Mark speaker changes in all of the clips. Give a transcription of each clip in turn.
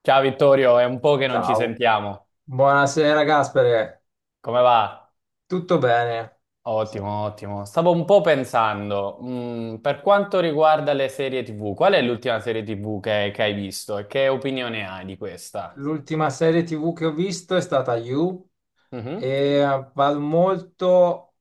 Speaker 1: Ciao Vittorio, è un po' che non ci
Speaker 2: Ciao,
Speaker 1: sentiamo.
Speaker 2: buonasera Gaspere,
Speaker 1: Come va?
Speaker 2: tutto bene?
Speaker 1: Ottimo, ottimo. Stavo un po' pensando, per quanto riguarda le serie TV, qual è l'ultima serie TV che hai visto e che opinione hai di questa?
Speaker 2: L'ultima serie TV che ho visto è stata You,
Speaker 1: Mhm.
Speaker 2: e vado molto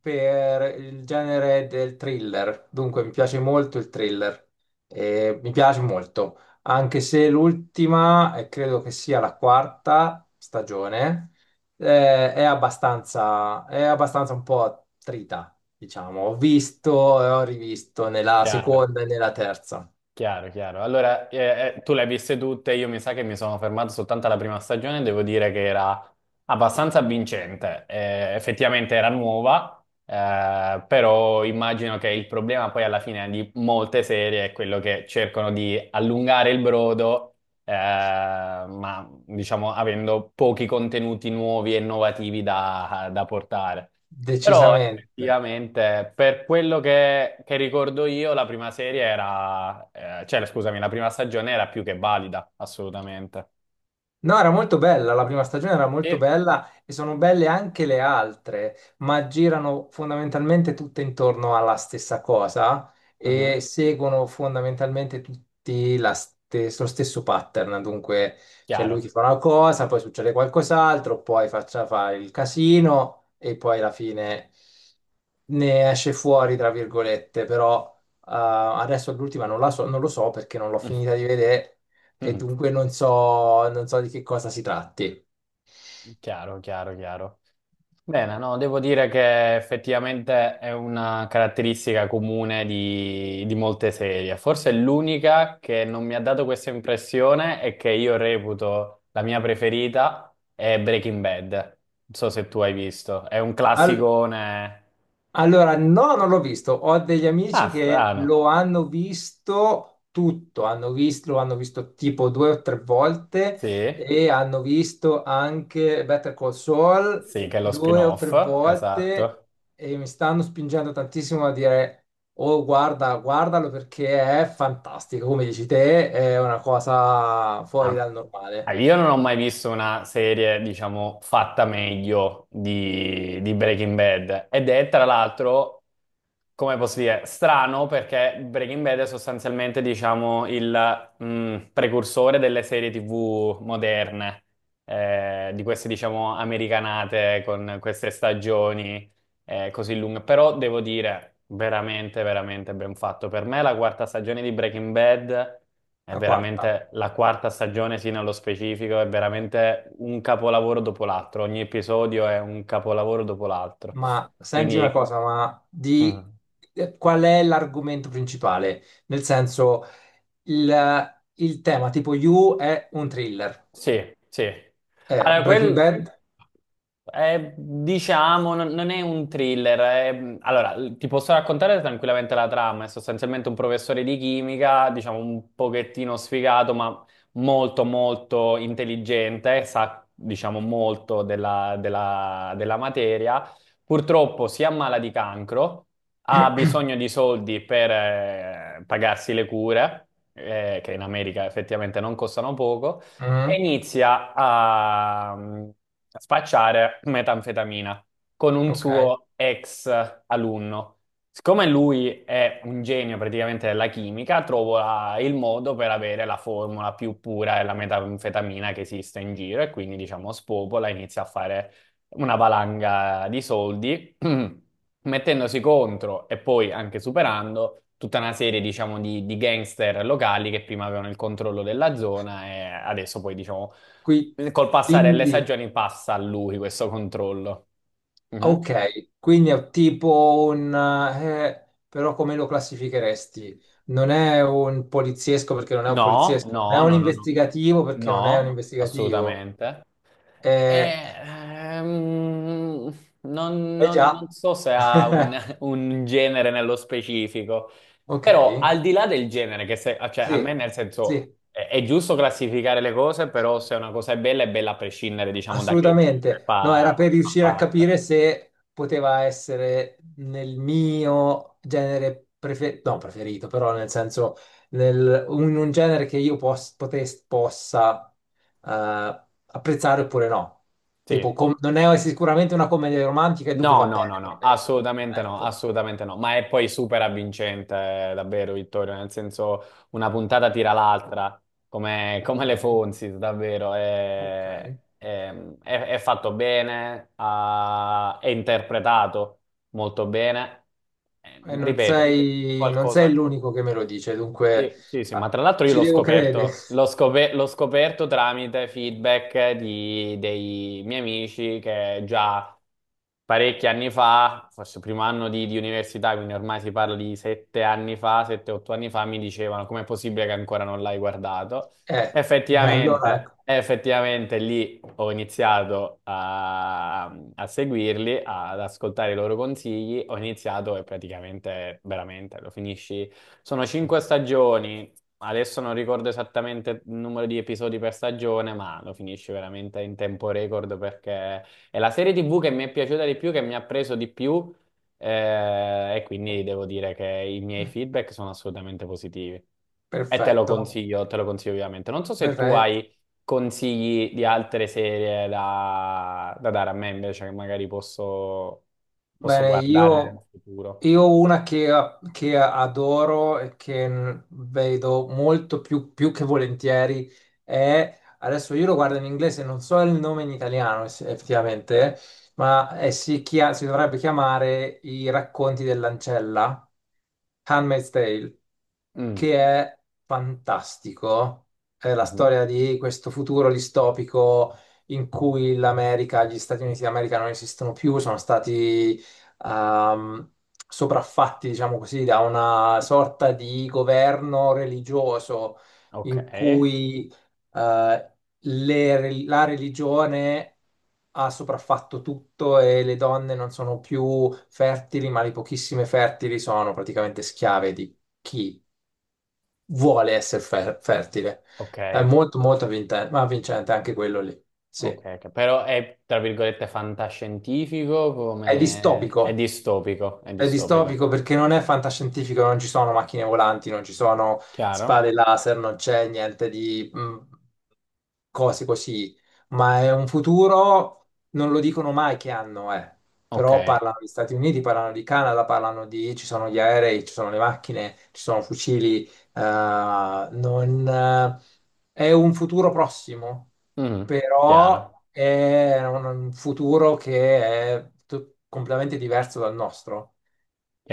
Speaker 2: per il genere del thriller, dunque mi piace molto il thriller, e mi piace molto, anche se l'ultima, e credo che sia la quarta stagione, è abbastanza un po' attrita, diciamo. Ho visto e ho rivisto nella
Speaker 1: Chiaro.
Speaker 2: seconda e nella terza,
Speaker 1: Chiaro, chiaro. Allora, tu le hai viste tutte, io mi sa che mi sono fermato soltanto alla prima stagione, devo dire che era abbastanza vincente. Effettivamente era nuova, però immagino che il problema poi alla fine di molte serie è quello che cercano di allungare il brodo, ma diciamo avendo pochi contenuti nuovi e innovativi da portare. Però
Speaker 2: decisamente.
Speaker 1: effettivamente, per quello che ricordo io, la prima serie era, cioè scusami, la prima stagione era più che valida, assolutamente.
Speaker 2: No, era molto bella, la prima stagione era molto
Speaker 1: Sì.
Speaker 2: bella e sono belle anche le altre, ma girano fondamentalmente tutte intorno alla stessa cosa e
Speaker 1: Mhm.
Speaker 2: seguono fondamentalmente tutti lo stesso pattern. Dunque, c'è lui che
Speaker 1: Chiaro.
Speaker 2: fa una cosa, poi succede qualcos'altro, poi faccia fa il casino e poi alla fine ne esce fuori, tra virgolette, però adesso l'ultima non la so, non lo so perché non l'ho finita di vedere e dunque non so, non so di che cosa si tratti.
Speaker 1: Chiaro, chiaro, chiaro. Bene, no, devo dire che effettivamente è una caratteristica comune di molte serie. Forse l'unica che non mi ha dato questa impressione e che io reputo la mia preferita è Breaking Bad. Non so se tu hai visto, è un
Speaker 2: Al-
Speaker 1: classicone.
Speaker 2: allora, no, non l'ho visto. Ho degli
Speaker 1: Ah,
Speaker 2: amici che
Speaker 1: strano.
Speaker 2: lo hanno visto tutto, hanno visto, lo hanno visto tipo due o tre volte
Speaker 1: Sì,
Speaker 2: e hanno visto anche Better Call Saul
Speaker 1: sì, che è lo
Speaker 2: due o tre
Speaker 1: spin-off,
Speaker 2: volte
Speaker 1: esatto.
Speaker 2: e mi stanno spingendo tantissimo a dire. Oh, guarda, guardalo perché è fantastico, come dici te, è una cosa fuori dal
Speaker 1: Ah, ah,
Speaker 2: normale.
Speaker 1: io non ho mai visto una serie, diciamo, fatta meglio di Breaking Bad. Ed è, tra l'altro, come posso dire, strano perché Breaking Bad è sostanzialmente, diciamo, il precursore delle serie TV moderne, di queste, diciamo, americanate con queste stagioni così lunga, però devo dire veramente, veramente ben fatto. Per me la quarta stagione di Breaking Bad è
Speaker 2: La quarta.
Speaker 1: veramente la quarta stagione, sì, nello specifico, è veramente un capolavoro dopo l'altro. Ogni episodio è un capolavoro dopo l'altro.
Speaker 2: Ma senti una
Speaker 1: Quindi,
Speaker 2: cosa, ma
Speaker 1: mm.
Speaker 2: di qual è l'argomento principale? Nel senso, il tema tipo You è un thriller.
Speaker 1: Sì, sì. Allora,
Speaker 2: Breaking
Speaker 1: quel,
Speaker 2: Bad?
Speaker 1: è, diciamo, non è un thriller. Allora, ti posso raccontare tranquillamente la trama. È sostanzialmente un professore di chimica, diciamo, un pochettino sfigato, ma molto, molto intelligente, sa, diciamo, molto della materia. Purtroppo si ammala di cancro, ha bisogno di soldi per pagarsi le cure, che in America effettivamente non costano poco e
Speaker 2: Mm,
Speaker 1: inizia a spacciare metanfetamina con un
Speaker 2: ok.
Speaker 1: suo ex alunno. Siccome lui è un genio praticamente della chimica, trova il modo per avere la formula più pura della metanfetamina che esiste in giro e quindi, diciamo, spopola, inizia a fare una valanga di soldi mettendosi contro e poi anche superando tutta una serie, diciamo, di gangster locali che prima avevano il controllo della zona e adesso poi, diciamo,
Speaker 2: Qui-
Speaker 1: col passare delle
Speaker 2: quindi,
Speaker 1: stagioni passa a lui questo controllo. Mm-hmm.
Speaker 2: ok, quindi è tipo un... però come lo classificheresti? Non è un poliziesco perché non è un
Speaker 1: No,
Speaker 2: poliziesco, non è
Speaker 1: no,
Speaker 2: un
Speaker 1: no, no, no,
Speaker 2: investigativo perché non è un
Speaker 1: no,
Speaker 2: investigativo.
Speaker 1: assolutamente. E,
Speaker 2: Eh, eh
Speaker 1: non
Speaker 2: già.
Speaker 1: so se ha un, un genere nello specifico,
Speaker 2: Ok.
Speaker 1: però al di là del genere, che se, cioè, a me
Speaker 2: Sì,
Speaker 1: nel senso
Speaker 2: sì,
Speaker 1: è giusto classificare le cose, però se una cosa è bella a prescindere, diciamo, da che genere
Speaker 2: assolutamente. No,
Speaker 1: fa,
Speaker 2: era per
Speaker 1: fa
Speaker 2: riuscire a
Speaker 1: parte.
Speaker 2: capire se poteva essere nel mio genere preferito, no, preferito, però nel senso, un genere che io possa apprezzare oppure no. Tipo,
Speaker 1: Sì.
Speaker 2: non è sicuramente una commedia romantica e dunque
Speaker 1: No,
Speaker 2: va
Speaker 1: no, no,
Speaker 2: bene per
Speaker 1: no,
Speaker 2: me.
Speaker 1: assolutamente no,
Speaker 2: Ecco,
Speaker 1: assolutamente no, ma è poi super avvincente, davvero, Vittorio, nel senso una puntata tira l'altra, come,
Speaker 2: ok,
Speaker 1: come le Fonzi, davvero,
Speaker 2: ok.
Speaker 1: è- è fatto bene, è interpretato molto bene.
Speaker 2: E
Speaker 1: Ripeto,
Speaker 2: non sei
Speaker 1: qualcosa.
Speaker 2: l'unico che me lo dice, dunque
Speaker 1: Sì, sì, sì, ma
Speaker 2: ah,
Speaker 1: tra l'altro io
Speaker 2: ci
Speaker 1: l'ho
Speaker 2: devo credere.
Speaker 1: scoperto, l'ho scope- l'ho scoperto tramite feedback dei miei amici che già parecchi anni fa, forse il primo anno di università, quindi ormai si parla di 7 anni fa, 7, 8 anni fa, mi dicevano com'è possibile che ancora non l'hai guardato.
Speaker 2: Eh, allora,
Speaker 1: Effettivamente,
Speaker 2: ecco,
Speaker 1: effettivamente lì ho iniziato a seguirli, ad ascoltare i loro consigli, ho iniziato e praticamente, veramente, lo finisci. Sono cinque stagioni, adesso non ricordo esattamente il numero di episodi per stagione, ma lo finisce veramente in tempo record perché è la serie TV che mi è piaciuta di più, che mi ha preso di più, e quindi devo dire che i miei feedback sono assolutamente positivi. E
Speaker 2: perfetto,
Speaker 1: te lo consiglio vivamente. Non so se tu
Speaker 2: perfetto.
Speaker 1: hai consigli di altre serie da dare a me invece, che magari posso
Speaker 2: Bene,
Speaker 1: guardare in futuro.
Speaker 2: io ho una che adoro e che vedo molto più che volentieri è, adesso io lo guardo in inglese, non so il nome in italiano effettivamente, ma si, si dovrebbe chiamare I racconti dell'ancella, Handmaid's Tale
Speaker 1: Mm.
Speaker 2: che è fantastico. È la
Speaker 1: Mhm.
Speaker 2: storia di questo futuro distopico in cui l'America, gli Stati Uniti d'America non esistono più, sono stati ehm, sopraffatti, diciamo così, da una sorta di governo religioso
Speaker 1: Ok.
Speaker 2: in cui eh, la religione ha sopraffatto tutto e le donne non sono più fertili, ma le pochissime fertili sono praticamente schiave di chi vuole essere fertile.
Speaker 1: Ok,
Speaker 2: È molto, molto vincente anche quello lì.
Speaker 1: ok,
Speaker 2: Sì.
Speaker 1: ok. Però è tra virgolette fantascientifico
Speaker 2: È
Speaker 1: come è
Speaker 2: distopico.
Speaker 1: distopico, è
Speaker 2: È
Speaker 1: distopico.
Speaker 2: distopico perché non è fantascientifico, non ci sono macchine volanti, non ci sono
Speaker 1: Chiaro?
Speaker 2: spade laser, non c'è niente di cose così, ma è un futuro, non lo dicono mai che anno è,
Speaker 1: Ok,
Speaker 2: però parlano di Stati Uniti, parlano di Canada, parlano di, ci sono gli aerei, ci sono le macchine, ci sono fucili, non, è un futuro prossimo,
Speaker 1: Mhm.
Speaker 2: però
Speaker 1: Chiaro,
Speaker 2: è un futuro che è completamente diverso dal nostro.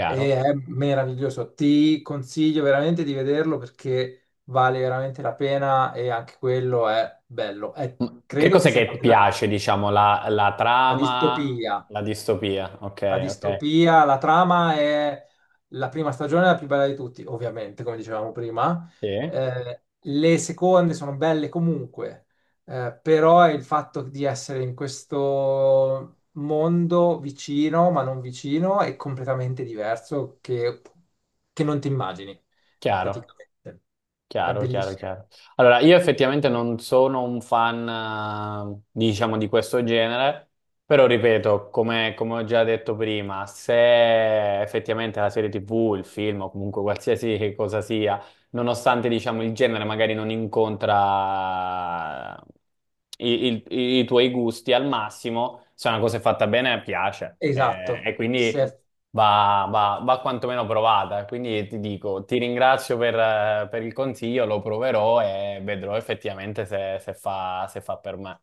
Speaker 2: E è meraviglioso. Ti consiglio veramente di vederlo perché vale veramente la pena e anche quello è bello. È-
Speaker 1: Mm. Che
Speaker 2: credo che
Speaker 1: cos'è
Speaker 2: sia
Speaker 1: che
Speaker 2: campionato
Speaker 1: piace, diciamo, la
Speaker 2: a
Speaker 1: trama,
Speaker 2: distopia
Speaker 1: la distopia? Ok,
Speaker 2: a
Speaker 1: ok,
Speaker 2: distopia, la trama è la prima stagione è la più bella di tutti, ovviamente, come dicevamo prima.
Speaker 1: sì,
Speaker 2: Le seconde sono belle comunque, però è il fatto di essere in questo mondo vicino, ma non vicino, è completamente diverso che non ti immagini,
Speaker 1: chiaro.
Speaker 2: praticamente. È
Speaker 1: Chiaro, chiaro,
Speaker 2: bellissimo.
Speaker 1: chiaro. Allora, io effettivamente non sono un fan, diciamo, di questo genere, però ripeto, come ho già detto prima, se effettivamente la serie TV, il film o comunque qualsiasi cosa sia, nonostante diciamo il genere magari non incontra i tuoi gusti al massimo, se una cosa è fatta bene piace,
Speaker 2: Esatto.
Speaker 1: e quindi
Speaker 2: Se-
Speaker 1: va quantomeno provata. Quindi ti dico, ti ringrazio per il consiglio, lo proverò e vedrò effettivamente se fa per me.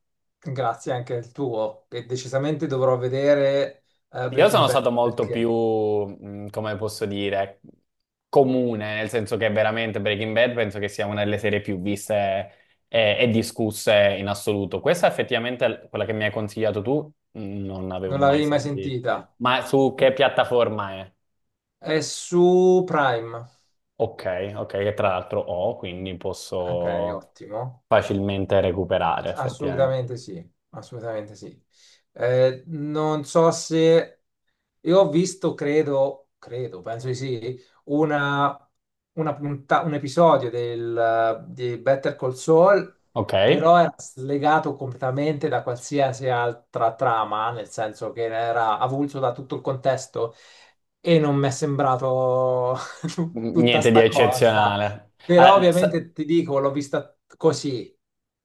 Speaker 2: grazie anche al tuo, e decisamente dovrò vedere
Speaker 1: Io
Speaker 2: Breaking
Speaker 1: sono
Speaker 2: Bad
Speaker 1: stato molto più,
Speaker 2: perché
Speaker 1: come posso dire, comune, nel senso che veramente Breaking Bad penso che sia una delle serie più viste e discusse in assoluto. Questa effettivamente, quella che mi hai consigliato tu, non avevo
Speaker 2: non
Speaker 1: mai
Speaker 2: l'avevi mai
Speaker 1: sentito.
Speaker 2: sentita?
Speaker 1: Ma su che piattaforma è?
Speaker 2: È su Prime.
Speaker 1: Ok, ok, che tra l'altro ho, quindi
Speaker 2: Ok,
Speaker 1: posso
Speaker 2: ottimo.
Speaker 1: facilmente recuperare effettivamente.
Speaker 2: Assolutamente sì, assolutamente sì. Non so se io ho visto, credo, credo, penso di sì, una, una un episodio di Better Call Saul,
Speaker 1: Ok,
Speaker 2: però era slegato completamente da qualsiasi altra trama, nel senso che era avulso da tutto il contesto e non mi è sembrato tutta
Speaker 1: Niente di
Speaker 2: sta cosa.
Speaker 1: eccezionale.
Speaker 2: Però
Speaker 1: Ah,
Speaker 2: ovviamente ti dico, l'ho vista così,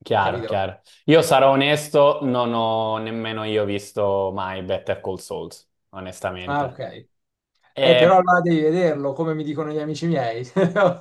Speaker 1: chiaro,
Speaker 2: capito?
Speaker 1: chiaro. Io sarò onesto, non ho nemmeno io visto mai Better Call Souls,
Speaker 2: Ah,
Speaker 1: onestamente.
Speaker 2: ok. Però
Speaker 1: E-
Speaker 2: allora devi vederlo, come mi dicono gli amici miei.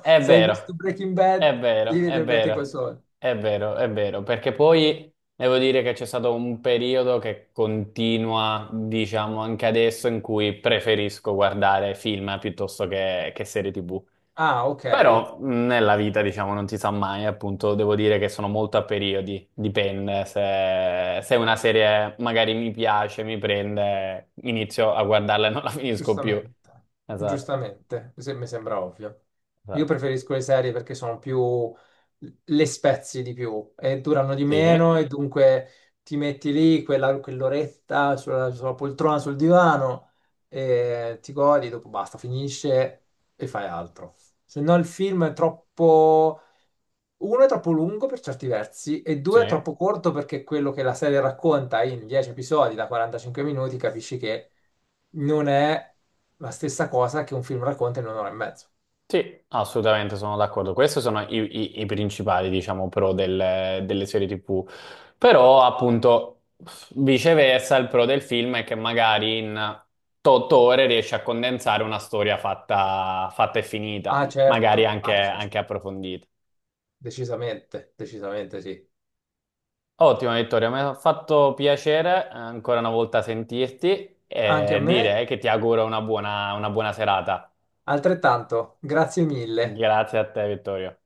Speaker 1: è
Speaker 2: hai visto
Speaker 1: vero,
Speaker 2: Breaking
Speaker 1: è
Speaker 2: Bad, devi
Speaker 1: vero, è
Speaker 2: vedere Better Call
Speaker 1: vero,
Speaker 2: Saul.
Speaker 1: è vero, è vero, perché poi devo dire che c'è stato un periodo che continua, diciamo, anche adesso in cui preferisco guardare film piuttosto che serie TV.
Speaker 2: Ah, ok.
Speaker 1: Però nella vita, diciamo, non si sa mai, appunto, devo dire che sono molto a periodi, dipende, se una serie magari mi piace, mi prende, inizio a guardarla e non la finisco più.
Speaker 2: Giustamente.
Speaker 1: Esatto,
Speaker 2: Giustamente. Se- mi sembra ovvio. Io
Speaker 1: esatto.
Speaker 2: preferisco le serie perché sono più... le spezzi di più e durano di
Speaker 1: Sì,
Speaker 2: meno e dunque ti metti lì quell'oretta sulla poltrona, sul divano e ti godi, dopo basta, finisce e fai altro. Se no il film è troppo uno è troppo lungo per certi versi e
Speaker 1: sì.
Speaker 2: due è troppo corto perché quello che la serie racconta in 10 episodi da 45 minuti capisci che non è la stessa cosa che un film racconta in un'ora e mezzo.
Speaker 1: Sì, assolutamente sono d'accordo. Questi sono i principali, diciamo, pro delle serie TV. Però, appunto, viceversa, il pro del film è che magari in 8 ore riesci a condensare una storia fatta, fatta e finita,
Speaker 2: Ah,
Speaker 1: magari
Speaker 2: certo, ah, certo,
Speaker 1: anche approfondita.
Speaker 2: decisamente, decisamente sì.
Speaker 1: Ottimo, Vittorio, mi ha fatto piacere ancora una volta sentirti
Speaker 2: Anche a
Speaker 1: e
Speaker 2: me,
Speaker 1: dire che ti auguro una buona serata.
Speaker 2: altrettanto, grazie mille.
Speaker 1: Grazie a te, Vittorio.